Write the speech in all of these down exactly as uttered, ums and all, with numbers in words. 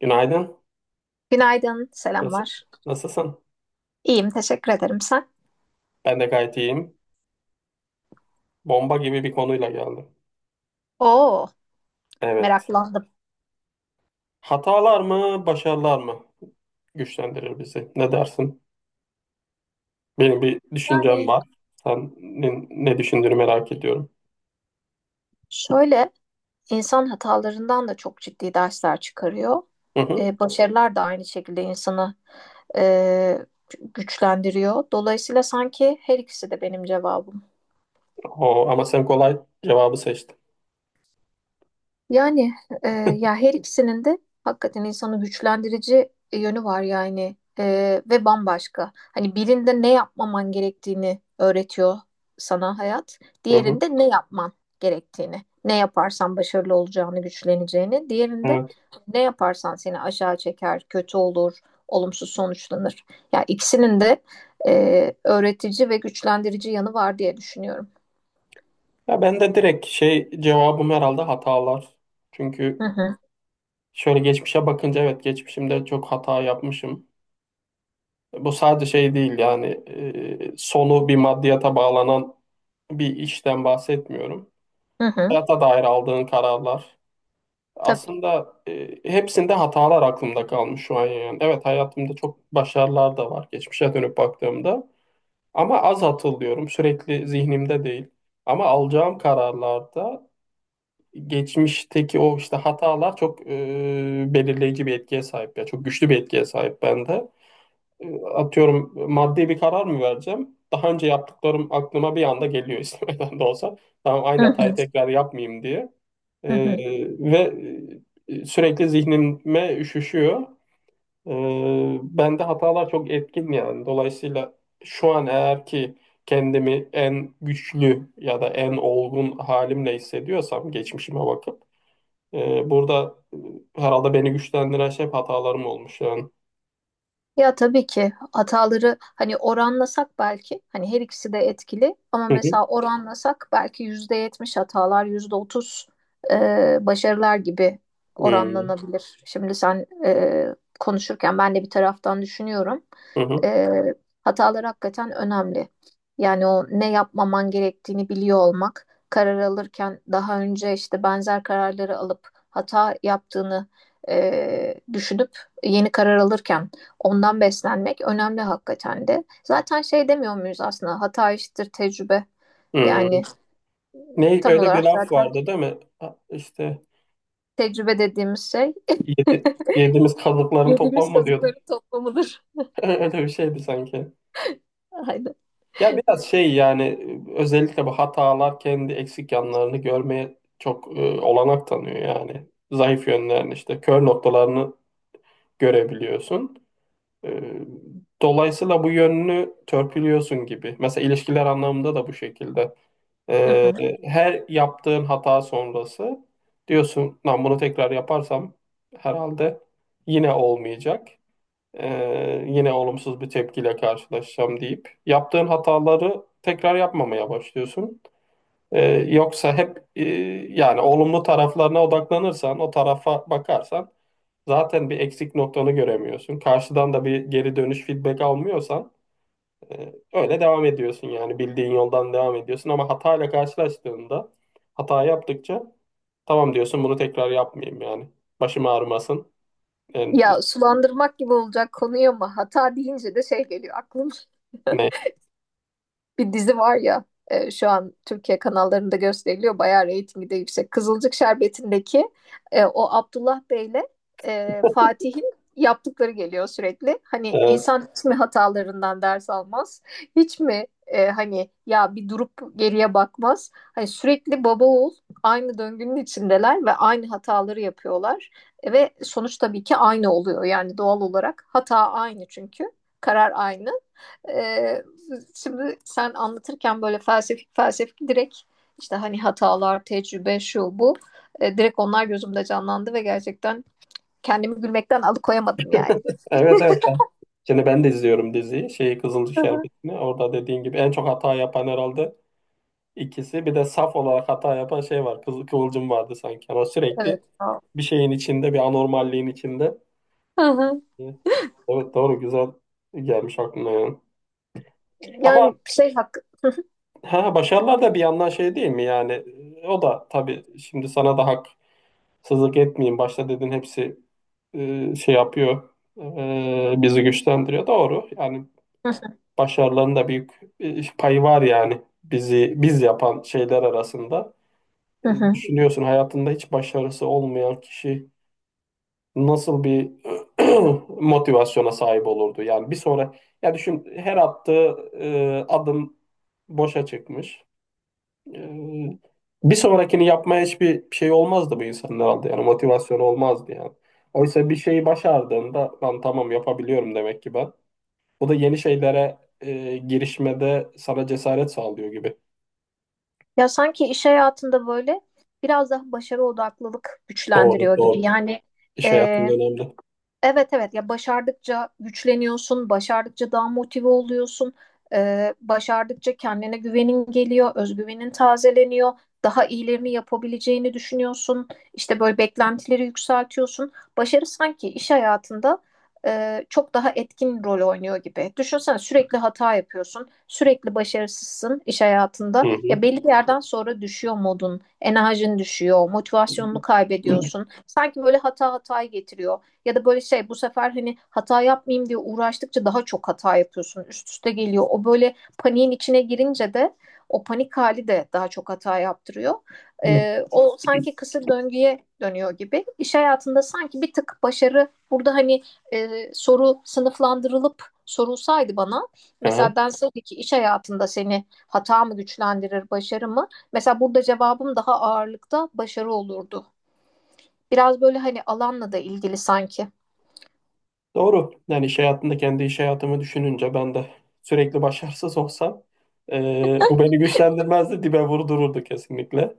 Günaydın. Günaydın, Nasıl, selamlar. nasılsın? İyiyim, teşekkür ederim. Sen? Ben de gayet iyiyim. Bomba gibi bir konuyla geldim. Oo, Evet. meraklandım. Hatalar mı, başarılar mı güçlendirir bizi? Ne dersin? Benim bir düşüncem Yani var. Senin ne düşündüğünü merak ediyorum. şöyle, insan hatalarından da çok ciddi dersler çıkarıyor. Hı hı. Ee, başarılar da aynı şekilde insanı e, güçlendiriyor. Dolayısıyla sanki her ikisi de benim cevabım. O, ama sen kolay cevabı seçtin. Yani e, Ya her ikisinin de hakikaten insanı güçlendirici yönü var, yani E, ve bambaşka. Hani birinde ne yapmaman gerektiğini öğretiyor sana hayat, Hı hı. diğerinde ne yapman gerektiğini, ne yaparsan başarılı olacağını, güçleneceğini, diğerinde Evet. ne yaparsan seni aşağı çeker, kötü olur, olumsuz sonuçlanır. Ya ikisinin de e, öğretici ve güçlendirici yanı var diye düşünüyorum. Ya ben de direkt şey cevabım herhalde hatalar. Çünkü Hı hı, şöyle geçmişe bakınca evet geçmişimde çok hata yapmışım. Bu sadece şey değil yani e, sonu bir maddiyata bağlanan bir işten bahsetmiyorum. hı hı, Hayata dair aldığın kararlar. tabii. Aslında e, hepsinde hatalar aklımda kalmış şu an yani. Evet hayatımda çok başarılar da var geçmişe dönüp baktığımda. Ama az hatırlıyorum. Sürekli zihnimde değil. Ama alacağım kararlarda geçmişteki o işte hatalar çok e, belirleyici bir etkiye sahip ya. Çok güçlü bir etkiye sahip bende atıyorum maddi bir karar mı vereceğim? Daha önce yaptıklarım aklıma bir anda geliyor istemeden de olsa. Tamam aynı Hı hatayı hı, tekrar yapmayayım diye. hı Ee, hı. ve e, sürekli zihnime üşüşüyor. Ee, bende hatalar çok etkin yani. Dolayısıyla şu an eğer ki kendimi en güçlü ya da en olgun halimle hissediyorsam geçmişime bakıp e, burada e, herhalde beni güçlendiren şey hep hatalarım olmuş yani. Ya tabii ki hataları, hani oranlasak, belki hani her ikisi de etkili, ama Hı hı. mesela oranlasak belki yüzde yetmiş hatalar, yüzde otuz e, başarılar gibi Hı hı. oranlanabilir. Şimdi sen e, konuşurken ben de bir taraftan düşünüyorum. Hı hı. E, Hatalar hakikaten önemli. Yani o ne yapmaman gerektiğini biliyor olmak, karar alırken daha önce işte benzer kararları alıp hata yaptığını e, düşünüp yeni karar alırken ondan beslenmek önemli hakikaten de. Zaten şey demiyor muyuz, aslında hata eşittir tecrübe. Hı. Yani Ne tam öyle bir olarak laf zaten vardı değil mi? Ha, İşte tecrübe dediğimiz şey yedi, yediğimiz kazıkların yediğimiz toplanma diyorduk. kazıkların toplamıdır. Öyle bir şeydi sanki. Aynen. Ya biraz şey yani özellikle bu hatalar kendi eksik yanlarını görmeye çok e, olanak tanıyor yani. Zayıf yönlerini işte kör noktalarını görebiliyorsun. Ee, Dolayısıyla bu yönünü törpülüyorsun gibi. Mesela ilişkiler anlamında da bu şekilde. Hı Ee, hı. her yaptığın hata sonrası diyorsun, lan bunu tekrar yaparsam herhalde yine olmayacak. Ee, yine olumsuz bir tepkiyle karşılaşacağım deyip yaptığın hataları tekrar yapmamaya başlıyorsun. Ee, yoksa hep e, yani olumlu taraflarına odaklanırsan, o tarafa bakarsan zaten bir eksik noktanı göremiyorsun. Karşıdan da bir geri dönüş feedback almıyorsan e, öyle devam ediyorsun yani bildiğin yoldan devam ediyorsun ama hatayla karşılaştığında hata yaptıkça tamam diyorsun bunu tekrar yapmayayım yani. Başım ağrımasın. E, Ya sulandırmak gibi olacak konuyu ama hata deyince de şey geliyor aklım. ne? Bir dizi var ya, e, şu an Türkiye kanallarında gösteriliyor. Bayağı reytingi de yüksek. Kızılcık Şerbeti'ndeki e, o Abdullah Bey'le e, Fatih'in yaptıkları geliyor sürekli. Hani Evet. insan hiç mi hatalarından ders almaz? Hiç mi, e, hani ya bir durup geriye bakmaz? Hani sürekli baba oğul aynı döngünün içindeler ve aynı hataları yapıyorlar. E, ve sonuç tabii ki aynı oluyor. Yani doğal olarak hata aynı çünkü. Karar aynı. Ee, Şimdi sen anlatırken böyle felsefik felsefik, direkt işte hani hatalar, tecrübe, şu bu. Ee, direkt onlar gözümde canlandı ve gerçekten kendimi gülmekten alıkoyamadım yani. Evet, evet. Ben- Şimdi ben de izliyorum diziyi. Şeyi Kızılcık Hı hı. Şerbeti'ni. Orada dediğin gibi en çok hata yapan herhalde ikisi. Bir de saf olarak hata yapan şey var. Kızıl Kıvılcım vardı sanki. Ama Evet, sürekli sağ ol. bir şeyin içinde, bir anormalliğin içinde. Hı hı. e, Evet doğru güzel gelmiş aklına yani. Ama Yani şey hakkı. ha, başarılar da bir yandan şey değil mi yani e, o da tabii şimdi sana da haksızlık etmeyeyim başta dedin hepsi e, şey yapıyor e, bizi güçlendiriyor doğru yani başarıların da büyük e, payı var yani bizi biz yapan şeyler arasında. Hı E, hı. Düşünüyorsun hayatında hiç başarısı olmayan kişi nasıl bir motivasyona sahip olurdu? Yani bir sonra ya düşün her attığı e, adım boşa çıkmış. E, bir sonrakini yapmaya hiçbir şey olmazdı bu insanın herhalde. Yani motivasyonu olmazdı yani. Oysa bir şeyi başardığında lan tamam yapabiliyorum demek ki ben. Bu da yeni şeylere e, girişmede sana cesaret sağlıyor gibi. Ya sanki iş hayatında böyle biraz daha başarı odaklılık Doğru, güçlendiriyor gibi. doğru. Yani İş e, hayatında önemli. Evet, evet, ya başardıkça güçleniyorsun, başardıkça daha motive oluyorsun, Ee, başardıkça kendine güvenin geliyor, özgüvenin tazeleniyor, daha iyilerini yapabileceğini düşünüyorsun, işte böyle beklentileri yükseltiyorsun. Başarı sanki iş hayatında e, çok daha etkin rol oynuyor gibi. Düşünsene, sürekli hata yapıyorsun, sürekli başarısızsın iş Hı hayatında. hı. Ya belli bir yerden sonra düşüyor modun, enerjin düşüyor, motivasyonunu kaybediyorsun. Sanki böyle hata hatayı getiriyor. Ya da böyle şey, bu sefer hani hata yapmayayım diye uğraştıkça daha çok hata yapıyorsun. Üst üste geliyor. O böyle paniğin içine girince de o panik hali de daha çok hata yaptırıyor. Ee, o sanki kısır döngüye dönüyor gibi. İş hayatında sanki bir tık başarı burada, hani e, soru sınıflandırılıp sorulsaydı bana, Hı. mesela denseydi ki iş hayatında seni hata mı güçlendirir başarı mı? Mesela burada cevabım daha ağırlıkta başarı olurdu. Biraz böyle hani alanla da ilgili sanki. Doğru. Yani iş hayatında kendi iş hayatımı düşününce ben de sürekli başarısız olsam e, bu beni güçlendirmezdi, dibe vurdururdu kesinlikle.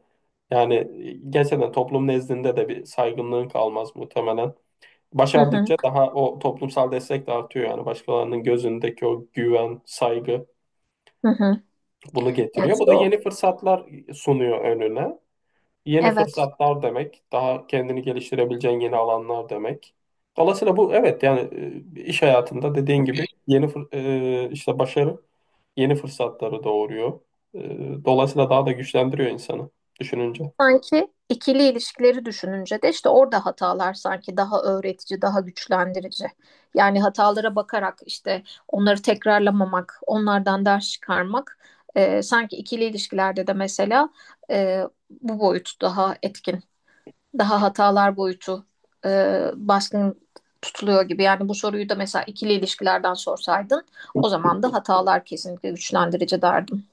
Yani e, gerçekten toplum nezdinde de bir saygınlığın kalmaz muhtemelen. Hı hı. Başardıkça daha o toplumsal destek de artıyor yani başkalarının gözündeki o güven, saygı Hı hı. bunu Yani getiriyor. Bu işte da o, yeni fırsatlar sunuyor önüne. Yeni evet, fırsatlar demek, daha kendini geliştirebileceğin yeni alanlar demek. Dolayısıyla bu evet yani e, iş hayatında dediğin gibi yeni fır- e, işte başarı yeni fırsatları doğuruyor. E, Dolayısıyla daha da güçlendiriyor insanı düşününce. sanki ikili ilişkileri düşününce de işte orada hatalar sanki daha öğretici, daha güçlendirici. Yani hatalara bakarak işte onları tekrarlamamak, onlardan ders çıkarmak, e, sanki ikili ilişkilerde de mesela e, bu boyut daha etkin, daha hatalar boyutu e, baskın tutuluyor gibi. Yani bu soruyu da mesela ikili ilişkilerden sorsaydın, o zaman da hatalar kesinlikle güçlendirici derdim.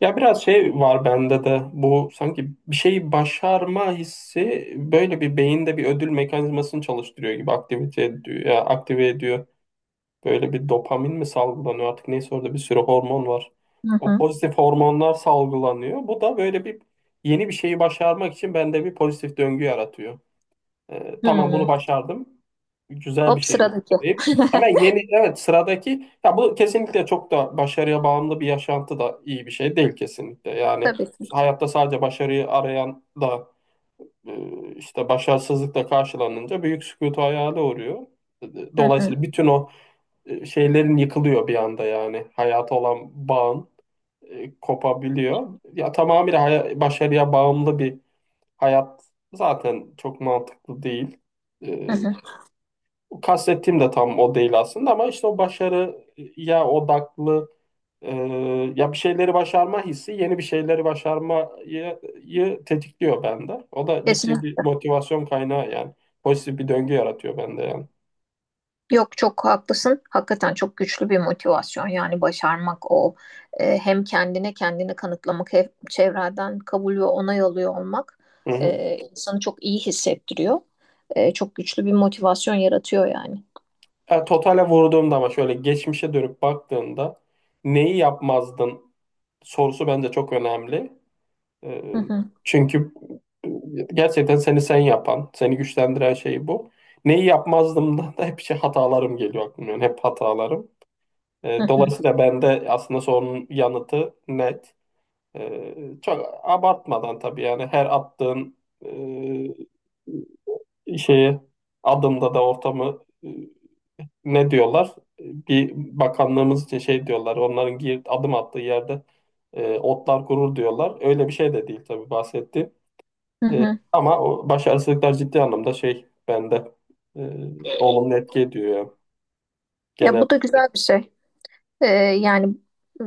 Ya biraz şey var bende de bu sanki bir şeyi başarma hissi böyle bir beyinde bir ödül mekanizmasını çalıştırıyor gibi aktivite ediyor, ya aktive ediyor. Böyle bir dopamin mi salgılanıyor artık neyse orada bir sürü hormon var. Hı O hı. pozitif hormonlar salgılanıyor. Bu da böyle bir yeni bir şeyi başarmak için bende bir pozitif döngü yaratıyor. Ee, tamam bunu Hı. başardım. Güzel bir Hop şeymiş sıradaki. deyip hemen yeni evet sıradaki ya bu kesinlikle çok da başarıya bağımlı bir yaşantı da iyi bir şey değil kesinlikle. Yani Tabii ki. hayatta sadece başarıyı arayan da e, işte başarısızlıkla karşılanınca büyük sükutu hayale uğruyor. Hı hı, Dolayısıyla bütün o e, şeylerin yıkılıyor bir anda yani. Hayata olan bağın e, kopabiliyor. Ya tamamıyla haya- başarıya bağımlı bir hayat zaten çok mantıklı değil. E, hı hı. kastettiğim de tam o değil aslında ama işte o başarıya odaklı e, ya bir şeyleri başarma hissi yeni bir şeyleri başarmayı yı tetikliyor bende. O da ciddi Kesin. bir motivasyon kaynağı yani. Pozitif bir döngü yaratıyor bende yani. Yok, çok haklısın. Hakikaten çok güçlü bir motivasyon. Yani başarmak o. E, hem kendine kendini kanıtlamak, hem çevreden kabul ve onay alıyor olmak Hı hı. e, insanı çok iyi hissettiriyor. E, çok güçlü bir motivasyon yaratıyor yani. Ya totale vurduğumda ama şöyle geçmişe dönüp baktığında neyi yapmazdın sorusu bence çok önemli. Ee, Hı hı, çünkü e, gerçekten seni sen yapan, seni güçlendiren şey bu. Neyi yapmazdım da, da hep şey hatalarım geliyor aklıma. Yani hep hatalarım. hı Ee, hı, dolayısıyla bende aslında sorunun yanıtı net. Ee, çok abartmadan tabii yani her attığın e, şeye adımda da ortamı e, ne diyorlar? Bir bakanlığımız için şey diyorlar. Onların gir, adım attığı yerde e, otlar gurur diyorlar. Öyle bir şey de değil tabii bahsetti. hı hı. Ama o başarısızlıklar ciddi anlamda şey bende e, olumlu etki ediyor ya. Ya Genel bu da güzel bir şey. Ee, Yani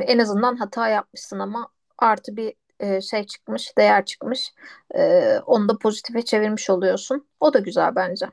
en azından hata yapmışsın ama artı bir e, şey çıkmış, değer çıkmış. Ee, onu da pozitife çevirmiş oluyorsun. O da güzel bence.